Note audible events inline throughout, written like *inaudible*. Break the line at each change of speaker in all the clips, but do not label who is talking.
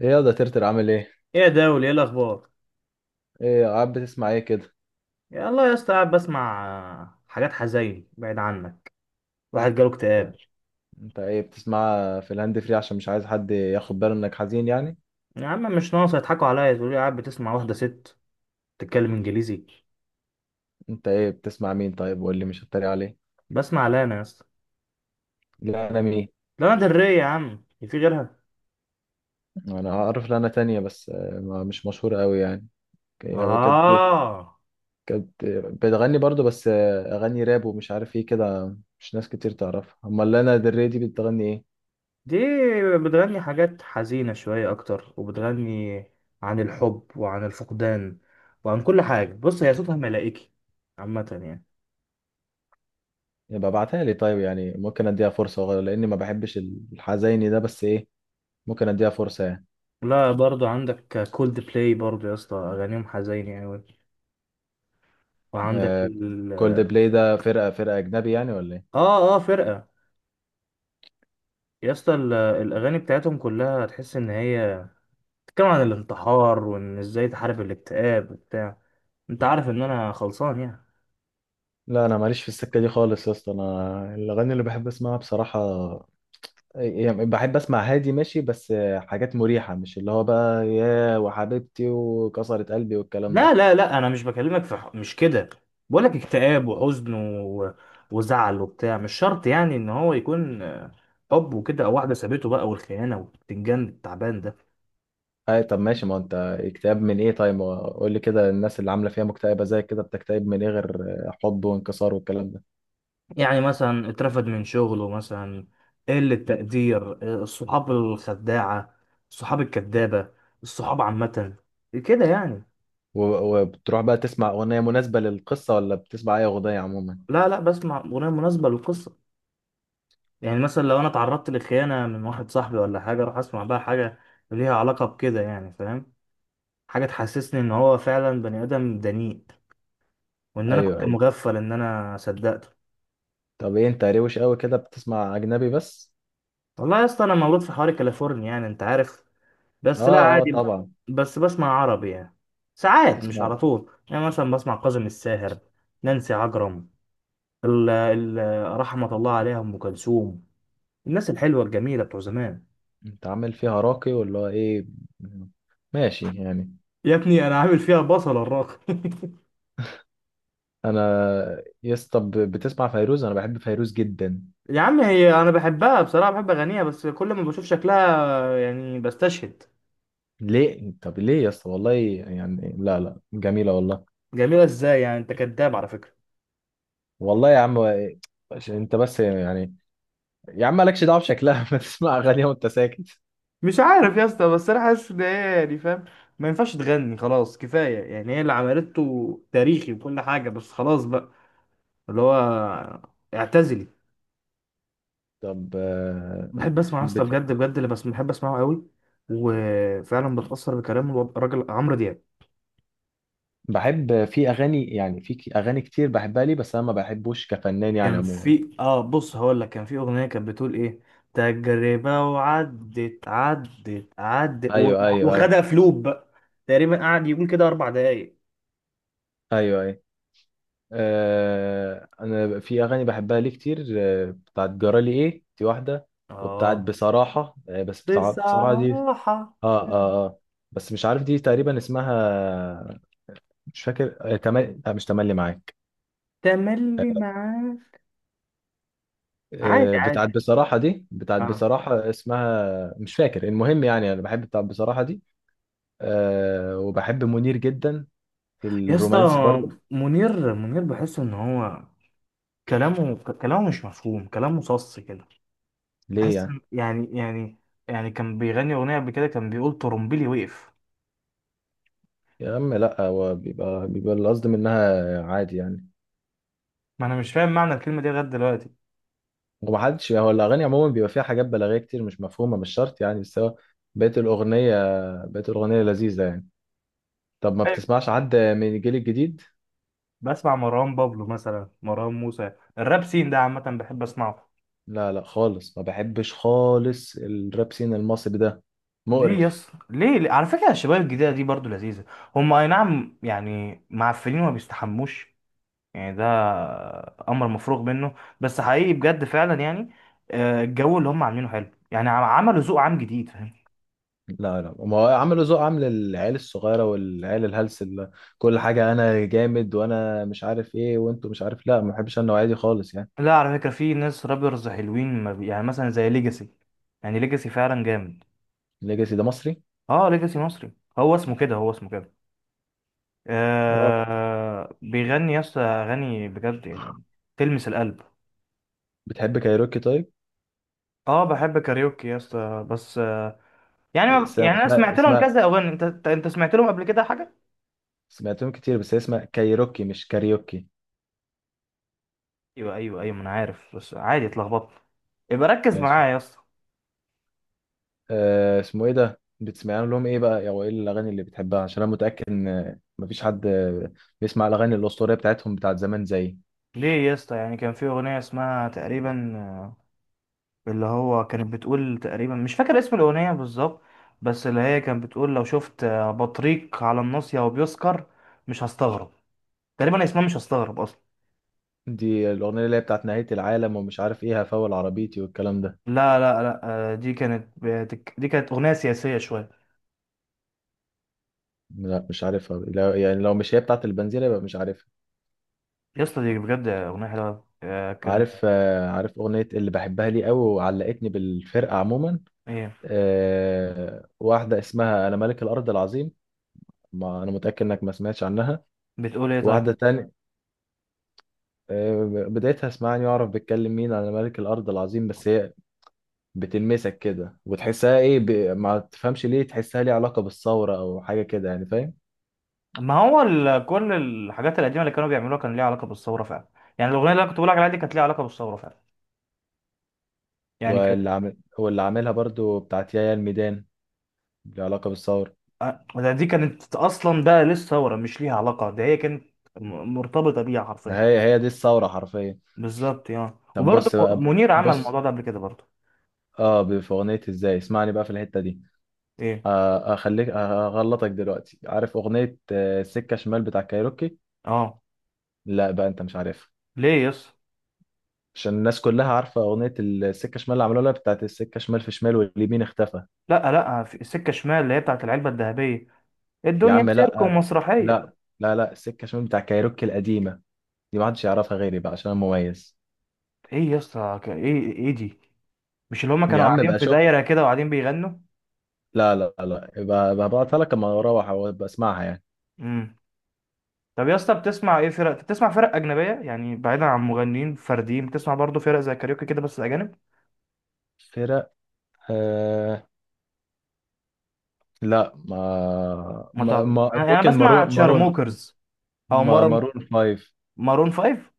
ايه يا ده ترتر عامل ايه؟
ايه يا داول، ايه الاخبار؟
ايه قاعد بتسمع ايه كده؟
يا الله يا اسطى، قاعد بسمع حاجات حزين بعيد عنك. واحد جاله اكتئاب.
ده- انت ايه بتسمع في الهاند فري عشان مش عايز حد ياخد باله انك حزين يعني؟
يا عم مش ناقص يضحكوا عليا تقول لي قاعد بتسمع واحده ست بتتكلم انجليزي.
انت ايه بتسمع مين طيب، وقول لي مش هتريق عليه.
بسمع لانا يا اسطى.
لا انا مين؟
لانا دري يا عم، إيه في غيرها؟
انا اعرف لها، انا تانية بس مش مشهورة قوي يعني. هي كانت
اه،
كانت بتغني برضو، بس اغاني راب ومش عارف ايه كده، مش ناس كتير تعرفها. امال لانا دل ري دي بتغني ايه؟
دي بتغني حاجات حزينه شويه اكتر، وبتغني عن الحب وعن الفقدان وعن كل حاجه. بص، هي صوتها ملائكي عامه يعني.
يبقى ابعتها لي طيب، يعني ممكن اديها فرصة لاني ما بحبش الحزيني ده، بس ايه، ممكن اديها فرصة يعني.
لا برضو عندك كولد بلاي برضو يا اسطى، اغانيهم حزينه قوي. وعندك
كولد بلاي ده فرقة أجنبي يعني ولا إيه؟
اه اه فرقة. يا اسطى الأغاني بتاعتهم كلها تحس إن هي بتتكلم عن الانتحار، وإن إزاي تحارب الاكتئاب وبتاع. أنت عارف إن أنا خلصان يعني.
لا انا ماليش في السكه دي خالص يا اسطى، انا الاغاني اللي بحب اسمعها بصراحه يعني بحب اسمع هادي ماشي، بس حاجات مريحه، مش اللي هو بقى يا وحبيبتي وكسرت قلبي والكلام ده.
لا لا لا، أنا مش بكلمك في مش كده. بقولك اكتئاب وحزن و... وزعل وبتاع. مش شرط يعني إن هو يكون حب وكده، أو واحدة سابته بقى، والخيانة والبتنجان التعبان ده.
اي طب ماشي، ما هو انت اكتئاب من ايه طيب، قول لي كده، الناس اللي عامله فيها مكتئبه زي كده بتكتئب من ايه غير حب وانكسار والكلام ده؟
يعني مثلا اترفد من شغله مثلا، قلة تقدير، الصحاب الخداعة، الصحاب الكذابة، الصحاب عامة، كده يعني.
وبتروح بقى تسمع اغنيه مناسبه للقصه، ولا بتسمع اي اغنيه عموما؟
لا لا، بسمع أغنية مناسبة للقصة. يعني مثلا لو أنا اتعرضت لخيانة من واحد صاحبي ولا حاجة، أروح أسمع بقى حاجة ليها علاقة بكده، يعني فاهم. حاجة تحسسني إن هو فعلا بني آدم دنيء، وإن أنا
ايوه،
كنت
ايوه.
مغفل إن أنا صدقته.
طب ايه، انت روش قوي كده بتسمع اجنبي بس؟
والله يا اسطى أنا مولود في حواري كاليفورنيا، يعني أنت عارف.
اه،
بس لا
اه،
عادي،
طبعا.
بس بسمع عربي يعني ساعات، مش على
تسمع.
طول. يعني مثلا بسمع كاظم الساهر، نانسي عجرم، ال رحمة الله عليها أم كلثوم، الناس الحلوة الجميلة بتوع زمان.
انت عامل فيها راقي ولا ايه؟ ماشي يعني.
يا ابني أنا عامل فيها بصلة الراقي *laughs*
انا يا اسطى بتسمع فيروز، انا بحب فيروز جدا.
يا عم، هي أنا بحبها بصراحة، بحب أغانيها، بس كل ما بشوف شكلها يعني بستشهد.
ليه طب ليه يا اسطى، والله يعني لا لا جميله والله.
جميلة إزاي يعني؟ أنت كداب على فكرة.
والله يا عم، عشان انت بس يعني. يا عم مالكش دعوه بشكلها *laughs* ما تسمع اغانيها وانت ساكت.
مش عارف يا اسطى، بس أنا حاسس إن هي، يعني فاهم، ما ينفعش تغني، خلاص كفاية. يعني هي اللي عملته تاريخي وكل حاجة، بس خلاص بقى، اللي هو اعتزلي.
طب
بحب اسمع يا اسطى
بت...
بجد بجد، اللي بس بحب اسمعه قوي وفعلا بتأثر بكلام الراجل عمرو دياب.
بحب في اغاني يعني، في اغاني كتير بحبها لي، بس انا ما بحبوش كفنان يعني
كان
عموما.
في اه، بص هقول لك، كان في اغنيه كانت بتقول ايه، تجربه وعدت عدت عدت
ايوه، ايوه، ايوه،
وخدها في لوب بقى. تقريبا قعد يقول كده 4 دقايق.
ايوه، ايوه. انا في اغاني بحبها ليه كتير، بتاعت جرالي ايه دي واحده، وبتاعت
اه،
بصراحه بس بتاعت بصراحه دي.
بصراحه،
اه، اه، اه. بس مش عارف دي تقريبا اسمها، مش فاكر. لا، مش تملي معاك.
تملي معاك. عادي
بتاعت
عادي.
بصراحه دي، بتاعت
اه
بصراحه اسمها مش فاكر، المهم يعني انا بحب بتاعت بصراحه دي. وبحب منير جدا، في
يا اسطى،
الرومانسي برضه.
منير منير، بحس ان هو كلامه كلامه مش مفهوم، كلامه صص كده.
ليه
بحس
يعني؟
يعني، يعني كان بيغني اغنيه قبل كده كان بيقول طرمبيلي وقف.
يا عم لا، هو بيبقى القصد منها عادي يعني.
ما انا مش فاهم معنى الكلمه دي لغايه دلوقتي.
ومحدش يعني، هو الأغاني عموما بيبقى فيها حاجات بلاغية كتير مش مفهومة، مش شرط يعني، بس هو بقيت الأغنية لذيذة يعني. طب ما
أيوة.
بتسمعش حد من الجيل الجديد؟
بسمع مروان بابلو مثلا، مروان موسى. الراب سين ده عامه بحب اسمعه.
لا لا خالص، ما بحبش خالص الراب سين المصري ده،
ليه
مقرف.
يس، ليه؟ على فكره الشباب الجديده دي برضو لذيذه. هم اي نعم يعني معفنين وما بيستحموش، يعني ده امر مفروغ منه، بس حقيقي بجد فعلا يعني. الجو اللي هم عاملينه حلو يعني، عملوا ذوق عام جديد، فاهم.
لا لا، ما هو عملوا ذوق عامل العيال الصغيرة والعيال الهلس، اللي كل حاجة أنا جامد وأنا مش عارف إيه وأنتوا مش عارف، لا ما بحبش أنا النوعية دي خالص يعني.
لا، على فكرة في ناس رابرز حلوين ما بي... يعني مثلا زي ليجاسي. يعني ليجاسي فعلا جامد.
ليجاسي ده مصري؟
اه ليجاسي مصري، هو اسمه كده، هو اسمه كده.
اه.
بيغني يا اسطى اغاني بجد يعني، تلمس القلب.
بتحب كايروكي طيب؟
اه بحب كاريوكي يا اسطى، بس يعني ما...
اسمها
يعني انا سمعت لهم
اسمها
كذا اغاني. انت انت أنت سمعت لهم قبل كده حاجة؟
سمعتهم كتير، بس هي اسمها كايروكي مش كاريوكي.
ايوه ايوه ايوه، ما انا عارف، بس عادي اتلخبطت. يبقى ركز
ماشي.
معايا يا اسطى.
اسمه ايه ده، بتسمعهم لهم ايه بقى، او ايه الاغاني اللي بتحبها؟ عشان انا متاكد ان مفيش حد بيسمع الاغاني الاسطوريه بتاعتهم بتاعت زمان زي
ليه يا اسطى، يعني كان في اغنية اسمها تقريبا اللي هو كانت بتقول تقريبا، مش فاكر اسم الأغنية بالظبط، بس اللي هي كانت بتقول لو شفت بطريق على الناصية وبيسكر مش هستغرب. تقريبا اسمها مش هستغرب أصلا.
دي الاغنيه اللي هي بتاعت نهايه العالم ومش عارف ايه، هفول عربيتي والكلام ده.
لا لا لا، دي كانت أغنية سياسية شوية.
لا مش عارفها، لا، يعني لو مش هي بتاعت البنزيره يبقى مش عارفها.
يا اسطى دي بجد أغنية حلوة أوي. كان
عارف عارف اغنيه اللي بحبها لي قوي وعلقتني بالفرقه عموما.
ايه
واحده اسمها انا ملك الارض العظيم، ما انا متاكد انك ما سمعتش عنها.
بتقول ايه طيب؟
واحدة تانية، بدايتها اسمعني واعرف بيتكلم مين على ملك الأرض العظيم، بس هي بتلمسك كده وتحسها إيه، ما تفهمش ليه تحسها ليه علاقة بالثورة أو حاجة كده يعني فاهم.
ما هو كل الحاجات القديمة اللي كانوا بيعملوها كان ليها علاقة بالثورة فعلا. يعني الأغنية اللي أنا كنت بقول لك عليها دي كانت ليها علاقة بالثورة فعلا، يعني كانت،
واللي عاملها برضو بتاعت يايا الميدان ليه علاقة بالثورة.
ده دي كانت اصلا، ده لسه ثوره مش ليها علاقه، ده هي كانت مرتبطه بيها حرفيا.
هي دي الثورة حرفيا.
بالظبط اه،
طب
وبرضه
بص بقى،
منير عمل
بص.
الموضوع ده قبل كده برضه.
اه، في أغنية إزاي اسمعني بقى في الحتة دي،
ايه.
أخليك أغلطك دلوقتي. عارف أغنية سكة شمال بتاع كايروكي؟
اه
لا بقى أنت مش عارفها،
ليه يس.
عشان الناس كلها عارفة أغنية السكة شمال اللي عملوها لها بتاعت السكة شمال في شمال واليمين اختفى.
لا لا، في السكه شمال اللي هي بتاعت العلبه الذهبيه،
يا
الدنيا
عم
سيرك
لأ،
ومسرحيه.
لأ. لا لا، السكة شمال بتاع كايروكي القديمة، دي محدش يعرفها غيري بقى عشان أنا مميز.
ايه يس؟ ايه دي؟ مش اللي هما
يا
كانوا
عم
قاعدين
بقى
في
شوف،
دايره كده وقاعدين بيغنوا؟
لا لا لا، يبقى هبعتها لك أما أروح وأبقى أسمعها يعني.
امم طب يا اسطى بتسمع ايه فرق؟ بتسمع فرق اجنبيه يعني بعيدا عن مغنيين فرديين؟ بتسمع برضه فرق زي كاريوكي كده بس اجانب؟
فرق، آه. لا، ما,
ما
ما,
تعرف-
ما
أنا
ممكن
بسمع
مارون مارون
تشارموكرز، او
ما مارون فايف.
مارون فايف.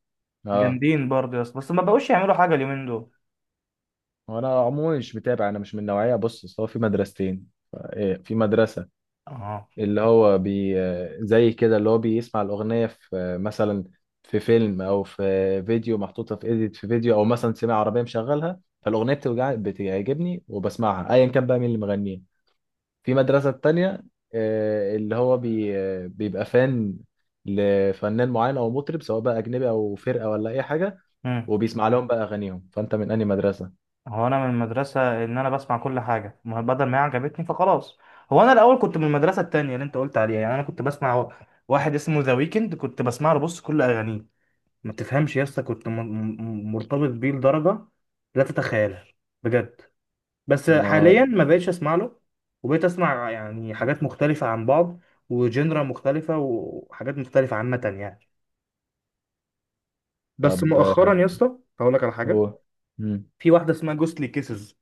اه.
جامدين برضه يا اسطى، بس ما بقوش يعملوا حاجه اليومين دول.
وأنا عموما مش متابع، أنا مش من النوعية، بص أصل هو في مدرستين، إيه، في مدرسة
اه.
اللي هو بي زي كده اللي هو بيسمع الأغنية في مثلا في فيلم أو في فيديو محطوطة في إيديت، في فيديو أو مثلا سمع عربية مشغلها فالأغنية بتعجبني وبسمعها أيا كان بقى مين اللي مغنيها. في مدرسة تانية، اللي هو بي آه، بيبقى فان لفنان معين أو مطرب سواء بقى أجنبي أو فرقة ولا أي حاجة،
امم
وبيسمع لهم بقى أغانيهم. فأنت من أنهي مدرسة؟
هو انا من المدرسه ان انا بسمع كل حاجه، ما بدل ما هي عجبتني فخلاص. هو انا الاول كنت من المدرسه التانية اللي انت قلت عليها، يعني انا كنت بسمع واحد اسمه ذا ويكند، كنت بسمع له بص كل اغانيه. ما تفهمش يا اسطى، كنت مرتبط بيه لدرجه لا تتخيلها، بجد. بس حاليا
ما.
ما بقتش اسمع له، وبقيت اسمع يعني حاجات مختلفه عن بعض، وجنرا مختلفه وحاجات مختلفه عامه يعني. بس
طب
مؤخرا يا اسطى هقول لك على حاجه.
هو. مم.
في واحده اسمها جوستلي كيسز.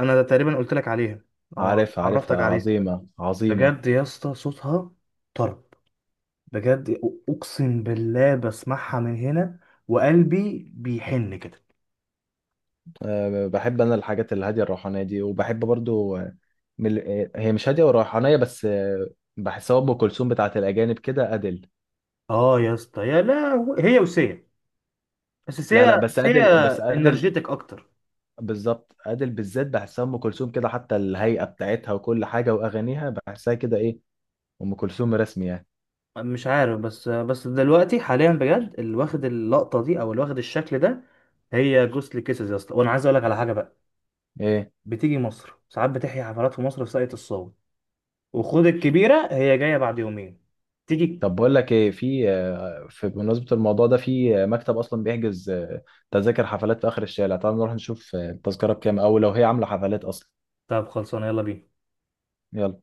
انا تقريبا قلت لك عليها، او
عارفها
عرفتك
عارفها،
عليها.
عظيمة عظيمة.
بجد يا اسطى صوتها طرب، بجد اقسم بالله بسمعها من هنا وقلبي بيحن كده.
بحب انا الحاجات الهاديه الروحانيه دي، وبحب برضو من ال- هي مش هاديه وروحانيه بس بحسها ام كلثوم بتاعت الاجانب كده، ادل.
اه يا اسطى، يا لا، هي وسيا. بس
لا
سيا،
لا، بس ادل بس ادل.
انرجيتك اكتر.
بالظبط ادل بالذات، بحسها ام كلثوم كده، حتى الهيئه بتاعتها وكل حاجه واغانيها بحسها كده، ايه، ام كلثوم رسمي يعني.
مش عارف، بس دلوقتي حاليا بجد اللي واخد اللقطه دي، او اللي واخد الشكل ده، هي جوستلي كيسز يا اسطى. وانا عايز اقول لك على حاجه بقى.
ايه
بتيجي مصر ساعات، بتحيي حفلات في مصر في ساقية الصاوي. وخد الكبيرة، هي جاية بعد يومين. تيجي؟
طب بقول لك ايه، في بمناسبه الموضوع ده في مكتب اصلا بيحجز تذاكر حفلات في اخر الشارع، تعال نروح نشوف التذكره بكام، او لو هي عامله حفلات اصلا.
طب خلصانة، يلا بينا.
يلا.